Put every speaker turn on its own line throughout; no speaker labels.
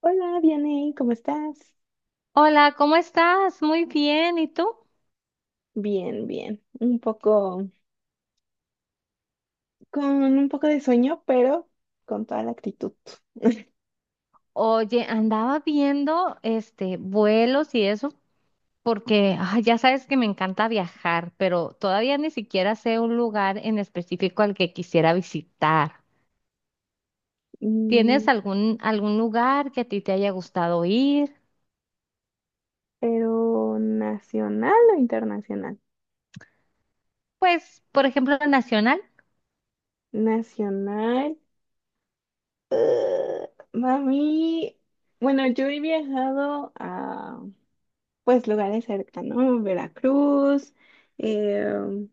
Hola, Vianey, ¿cómo estás?
Hola, ¿cómo estás? Muy bien, ¿y tú?
Bien, bien. Con un poco de sueño, pero con toda la actitud.
Oye, andaba viendo vuelos y eso, porque ya sabes que me encanta viajar, pero todavía ni siquiera sé un lugar en específico al que quisiera visitar.
Mm,
¿Tienes algún lugar que a ti te haya gustado ir?
¿Pero nacional o internacional?
Pues, por ejemplo, la Nacional.
Nacional. eh, Mami, bueno, yo he viajado a, pues, lugares cercanos, Veracruz, eh,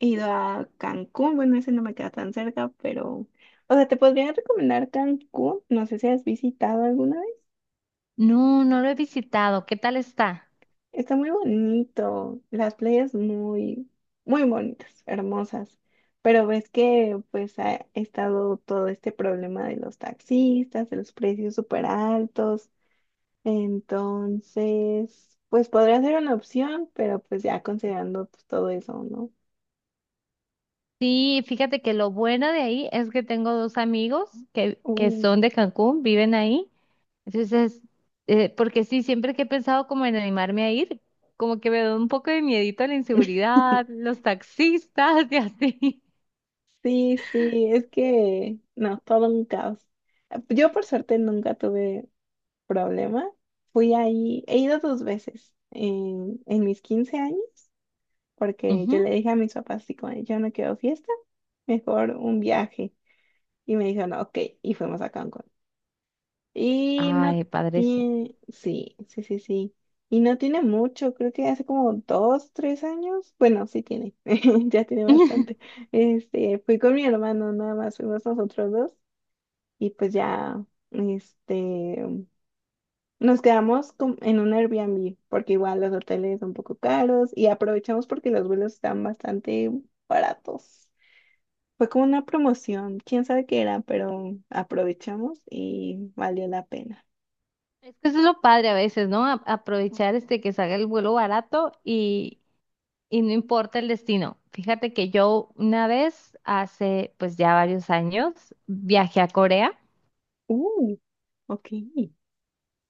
he ido a Cancún, bueno, ese no me queda tan cerca, pero, o sea, te podría recomendar Cancún, no sé si has visitado alguna vez.
No, no lo he visitado. ¿Qué tal está?
Está muy bonito, las playas muy, muy bonitas, hermosas. Pero ves que pues ha estado todo este problema de los taxistas, de los precios súper altos. Entonces, pues podría ser una opción, pero pues ya considerando, pues, todo eso, ¿no?
Sí, fíjate que lo bueno de ahí es que tengo dos amigos que
Uh.
son de Cancún, viven ahí. Entonces, porque sí, siempre que he pensado como en animarme a ir, como que me da un poco de miedito a la inseguridad, los taxistas y así.
Sí, sí, es que no, todo un caos. Yo por suerte nunca tuve problema. Fui ahí, he ido dos veces en mis 15 años, porque yo
Ujú.
le dije a mis papás, así como, yo no quiero fiesta, mejor un viaje. Y me dijeron, ok, y fuimos a Cancún. Y no
Ay, padrísimo.
tiene, sí, sí, sí, sí. Y no tiene mucho, creo que hace como dos, tres años. Bueno, sí tiene, ya tiene bastante. Este, fui con mi hermano, nada más fuimos nosotros dos. Y pues ya, este, nos quedamos en un Airbnb porque igual los hoteles son un poco caros y aprovechamos porque los vuelos están bastante baratos. Fue como una promoción, quién sabe qué era, pero aprovechamos y valió la pena.
Es que eso es lo padre a veces, ¿no? Aprovechar este que salga el vuelo barato y no importa el destino. Fíjate que yo una vez, hace pues ya varios años, viajé a Corea.
Uh, ok.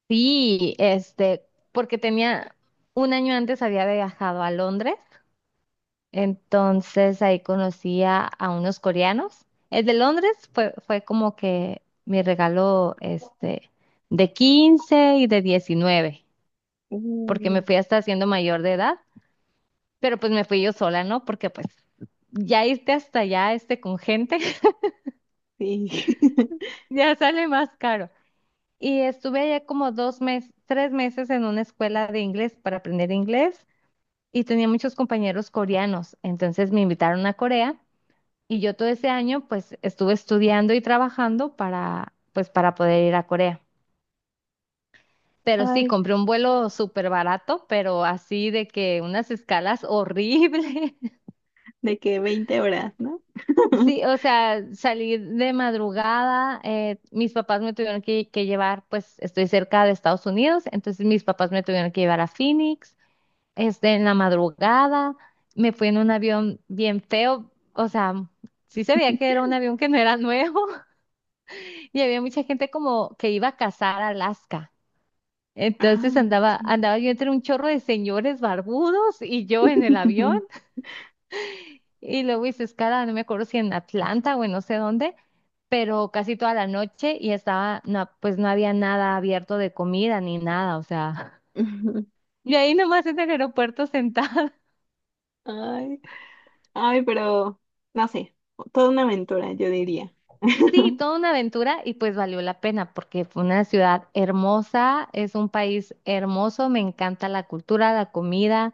Sí, porque tenía un año antes había viajado a Londres. Entonces ahí conocía a unos coreanos. El de Londres fue como que mi regalo de 15 y de 19, porque me
Uh,
fui hasta siendo mayor de edad, pero pues me fui yo sola, ¿no? Porque pues ya irte hasta allá con gente
sí.
ya sale más caro. Y estuve allá como 2 meses, 3 meses en una escuela de inglés para aprender inglés y tenía muchos compañeros coreanos, entonces me invitaron a Corea. Y yo todo ese año pues estuve estudiando y trabajando para poder ir a Corea. Pero sí,
Ay,
compré un vuelo súper barato, pero así de que unas escalas horribles.
de que 20 horas, ¿no?
Sí, o sea, salí de madrugada, mis papás me tuvieron que llevar, pues estoy cerca de Estados Unidos, entonces mis papás me tuvieron que llevar a Phoenix, en la madrugada, me fui en un avión bien feo, o sea, sí se veía que era un avión que no era nuevo. Y había mucha gente como que iba a cazar a Alaska.
Ah,
Entonces
ok.
andaba yo entre un chorro de señores barbudos y yo en el avión. Y luego hice escala, no me acuerdo si en Atlanta o en no sé dónde, pero casi toda la noche y estaba, no, pues no había nada abierto de comida ni nada, o sea. Y ahí nomás en el aeropuerto sentada.
Ay, ay, pero no sé, toda una aventura, yo diría.
Sí, toda una aventura y pues valió la pena porque fue una ciudad hermosa, es un país hermoso, me encanta la cultura, la comida.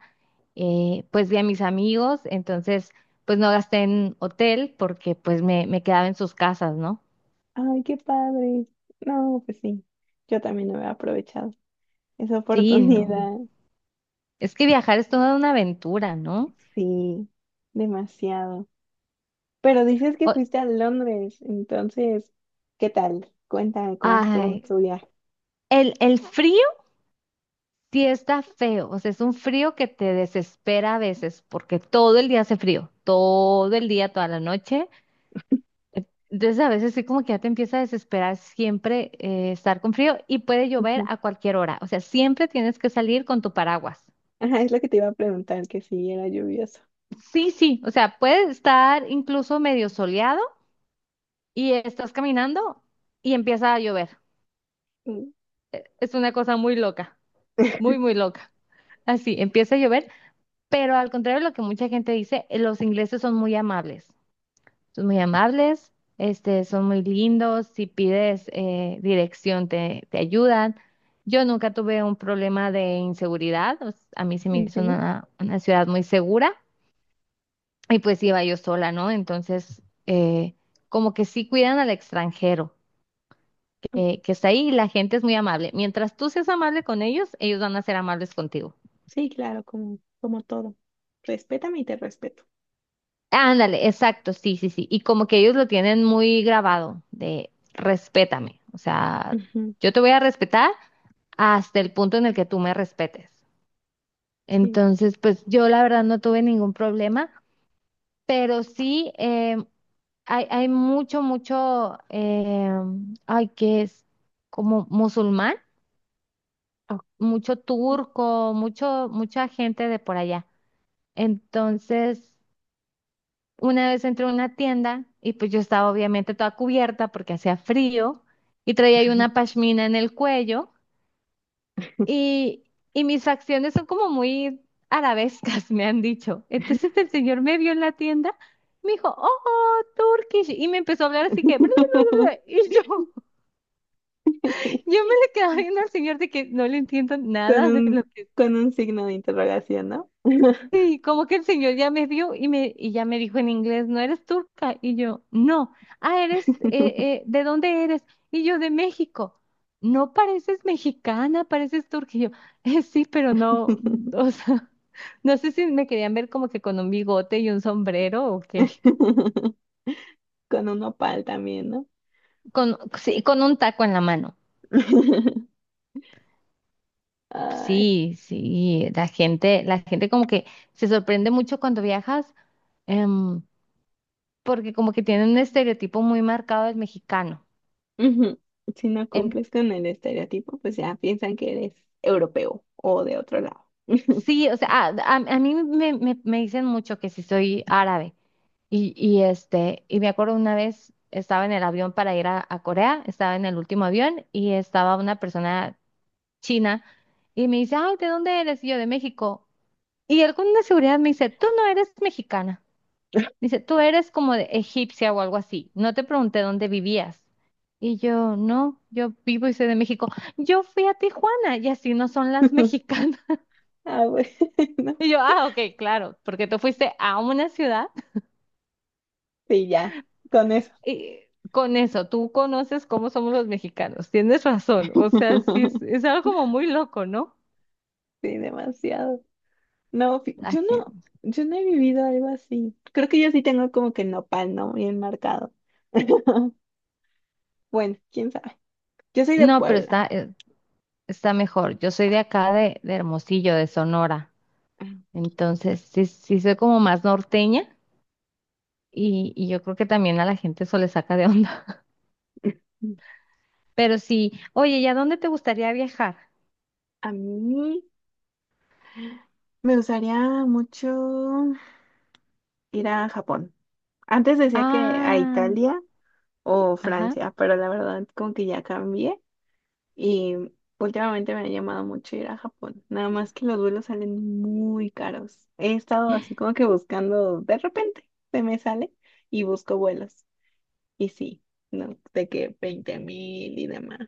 Pues de a mis amigos, entonces pues no gasté en hotel porque pues me quedaba en sus casas, ¿no?
Ay, qué padre. No, pues sí, yo también no había aprovechado esa
Sí, no.
oportunidad,
Es que viajar es toda una aventura, ¿no?
sí, demasiado. Pero dices que
O-
fuiste a Londres, entonces, ¿qué tal? Cuéntame cómo estuvo
ay,
tu viaje.
el frío sí está feo, o sea, es un frío que te desespera a veces porque todo el día hace frío, todo el día, toda la noche. Entonces a veces sí como que ya te empieza a desesperar siempre estar con frío y puede llover
Ajá,
a cualquier hora. O sea, siempre tienes que salir con tu paraguas.
ajá, es lo que te iba a preguntar, que si era lluvioso.
Sí, sí, o sea, puede estar incluso medio soleado y estás caminando y empieza a llover.
Mm,
Es una cosa muy loca, muy, muy loca. Así, empieza a llover, pero al contrario de lo que mucha gente dice, los ingleses son muy amables, este, son muy lindos, si pides dirección te ayudan. Yo nunca tuve un problema de inseguridad, a mí se me hizo
ok.
una ciudad muy segura. Y pues iba yo sola, ¿no? Entonces, eh, como que sí cuidan al extranjero que está ahí y la gente es muy amable. Mientras tú seas amable con ellos, ellos van a ser amables contigo.
Sí, claro, como, como todo. Respétame y te respeto.
Ándale, exacto, sí, sí, sí. Y como que ellos lo tienen muy grabado de respétame. O sea,
Ujú,
yo te voy a respetar hasta el punto en el que tú me respetes.
sí.
Entonces, pues yo la verdad no tuve ningún problema. Pero sí hay mucho, mucho, ay, que es como musulmán,
Ok.
mucho turco, mucho, mucha gente de por allá. Entonces, una vez entré a una tienda y pues yo estaba obviamente toda cubierta porque hacía frío y traía ahí una pashmina en el cuello. Y, y mis acciones son como muy arabescas, me han dicho. Entonces el señor me vio en la tienda, me dijo, oh, oh, Turkish, y me empezó a hablar así que, y yo me le quedaba viendo al señor de que no le entiendo
Con
nada de
un,
lo que.
con un signo de interrogación, ¿no?
Sí, como que el señor ya me vio y me y ya me dijo en inglés, ¿no eres turca? Y yo, no. Ah, ¿de dónde eres? Y yo, de México. No pareces mexicana, pareces turca. Y yo, " sí, pero no, o sea, no sé si me querían ver como que con un bigote y un sombrero o qué.
Con un nopal también, ¿no?
Sí, con un taco en la mano.
Ay,
Sí, sí, la gente como que se sorprende mucho cuando viajas, em, porque como que tienen un estereotipo muy marcado del mexicano.
ujú. Si no cumples con el estereotipo, pues ya piensan que eres europeo o de otro lado.
Sí, o sea, a mí me dicen mucho que si soy árabe. Y me acuerdo una vez estaba en el avión para ir a Corea, estaba en el último avión y estaba una persona china y me dice, ay, ¿de dónde eres? Y yo, de México. Y él con una seguridad me dice, tú no eres mexicana. Dice, tú eres como de egipcia o algo así. No te pregunté dónde vivías. Y yo, no, yo vivo y soy de México. Yo fui a Tijuana y así no son las mexicanas.
Ah, bueno,
Y yo, ah, ok, claro, porque tú fuiste a una ciudad
sí, ya, con eso.
y con eso, tú conoces cómo somos los mexicanos, tienes razón, o sea, sí, es, es algo como muy loco, ¿no?
Sí, demasiado. No,
La gente.
yo no he vivido algo así. Creo que yo sí tengo como que nopal, ¿no? Bien marcado. Bueno, quién sabe. Yo soy de
No, pero
Puebla.
está mejor, yo soy de acá, de Hermosillo, de Sonora, entonces sí, sí soy como más norteña y yo creo que también a la gente eso le saca de onda, pero sí, oye, ¿y a dónde te gustaría viajar?
A mí me gustaría mucho ir a Japón. Antes decía que a
Ah,
Italia o
ajá,
Francia, pero la verdad como que ya cambié y últimamente me ha llamado mucho ir a Japón. Nada más que los vuelos salen muy caros. He estado así como que buscando, de repente se me sale y busco vuelos. Y sí, no, de que 20.000 y demás.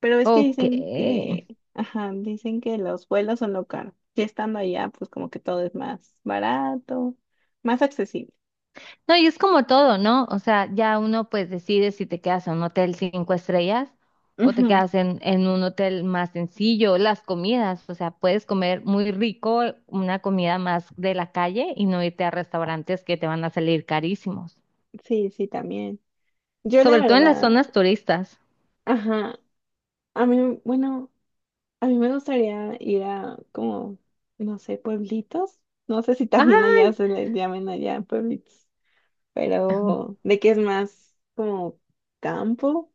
Pero es que
ok.
dicen que, ajá, dicen que los vuelos son lo caro. Y estando allá, pues como que todo es más barato, más accesible.
No, y es como todo, ¿no? O sea, ya uno pues decide si te quedas en un hotel cinco estrellas o te
Ujú.
quedas en un hotel más sencillo, las comidas, o sea, puedes comer muy rico una comida más de la calle y no irte a restaurantes que te van a salir carísimos,
Sí, sí, también. Yo la
sobre todo en las
verdad,
zonas turistas.
ajá, bueno, a mí me gustaría ir a como, no sé, pueblitos. No sé si también allá
Ay,
se les llamen allá pueblitos, pero de que es más como campo.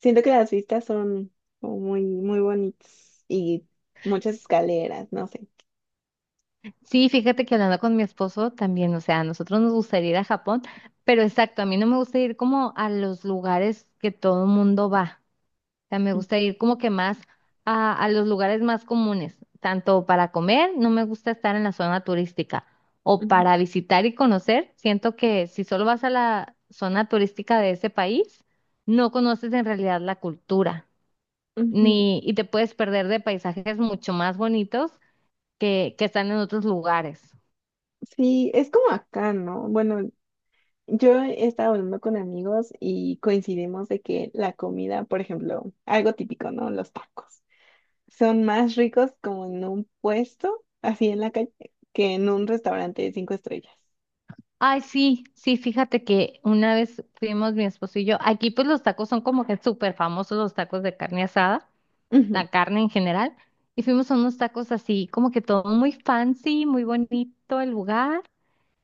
Siento que las vistas son como muy, muy bonitas y muchas escaleras, no sé.
sí, fíjate que hablando con mi esposo también, o sea, a nosotros nos gustaría ir a Japón, pero exacto, a mí no me gusta ir como a los lugares que todo el mundo va. Sea, me gusta ir como que más a los lugares más comunes, tanto para comer, no me gusta estar en la zona turística, o
Ujú,
para visitar y conocer. Siento que si solo vas a la zona turística de ese país, no conoces en realidad la cultura,
ujú.
ni, y te puedes perder de paisajes mucho más bonitos que están en otros lugares.
Sí, es como acá, ¿no? Bueno, yo he estado hablando con amigos y coincidimos de que la comida, por ejemplo, algo típico, ¿no? Los tacos son más ricos como en un puesto, así en la calle, que en un restaurante de cinco estrellas.
Ay, sí, sí, fíjate que una vez fuimos mi esposo y yo, aquí pues los tacos son como que súper famosos los tacos de carne asada.
Ujú.
La carne en general, y fuimos a unos tacos así, como que todo muy fancy, muy bonito el lugar.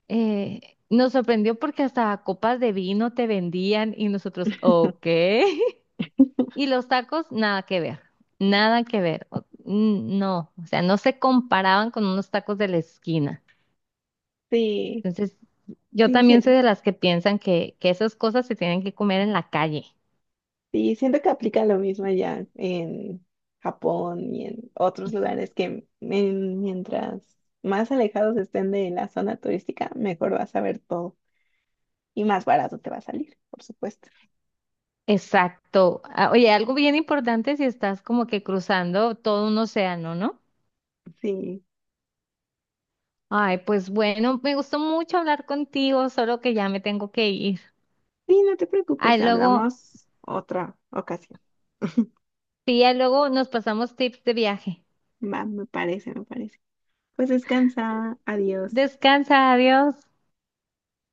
Nos sorprendió porque hasta copas de vino te vendían y nosotros, ok. Y los tacos, nada que ver, nada que ver. No, o sea, no se comparaban con unos tacos de la esquina.
Sí,
Entonces, yo
sí,
también
sí,
soy de las que piensan que esas cosas se tienen que comer en la calle.
sí, siento que aplica lo mismo allá en Japón y en otros lugares que mientras más alejados estén de la zona turística, mejor vas a ver todo y más barato te va a salir, por supuesto.
Exacto. Ah, oye, algo bien importante si estás como que cruzando todo un océano, ¿no?
Sí.
Ay, pues bueno, me gustó mucho hablar contigo, solo que ya me tengo que ir.
Sí, no te preocupes,
Ay, luego,
hablamos otra ocasión.
sí, ya luego nos pasamos tips de viaje.
Va, me parece, me parece. Pues descansa, adiós.
Descansa, adiós.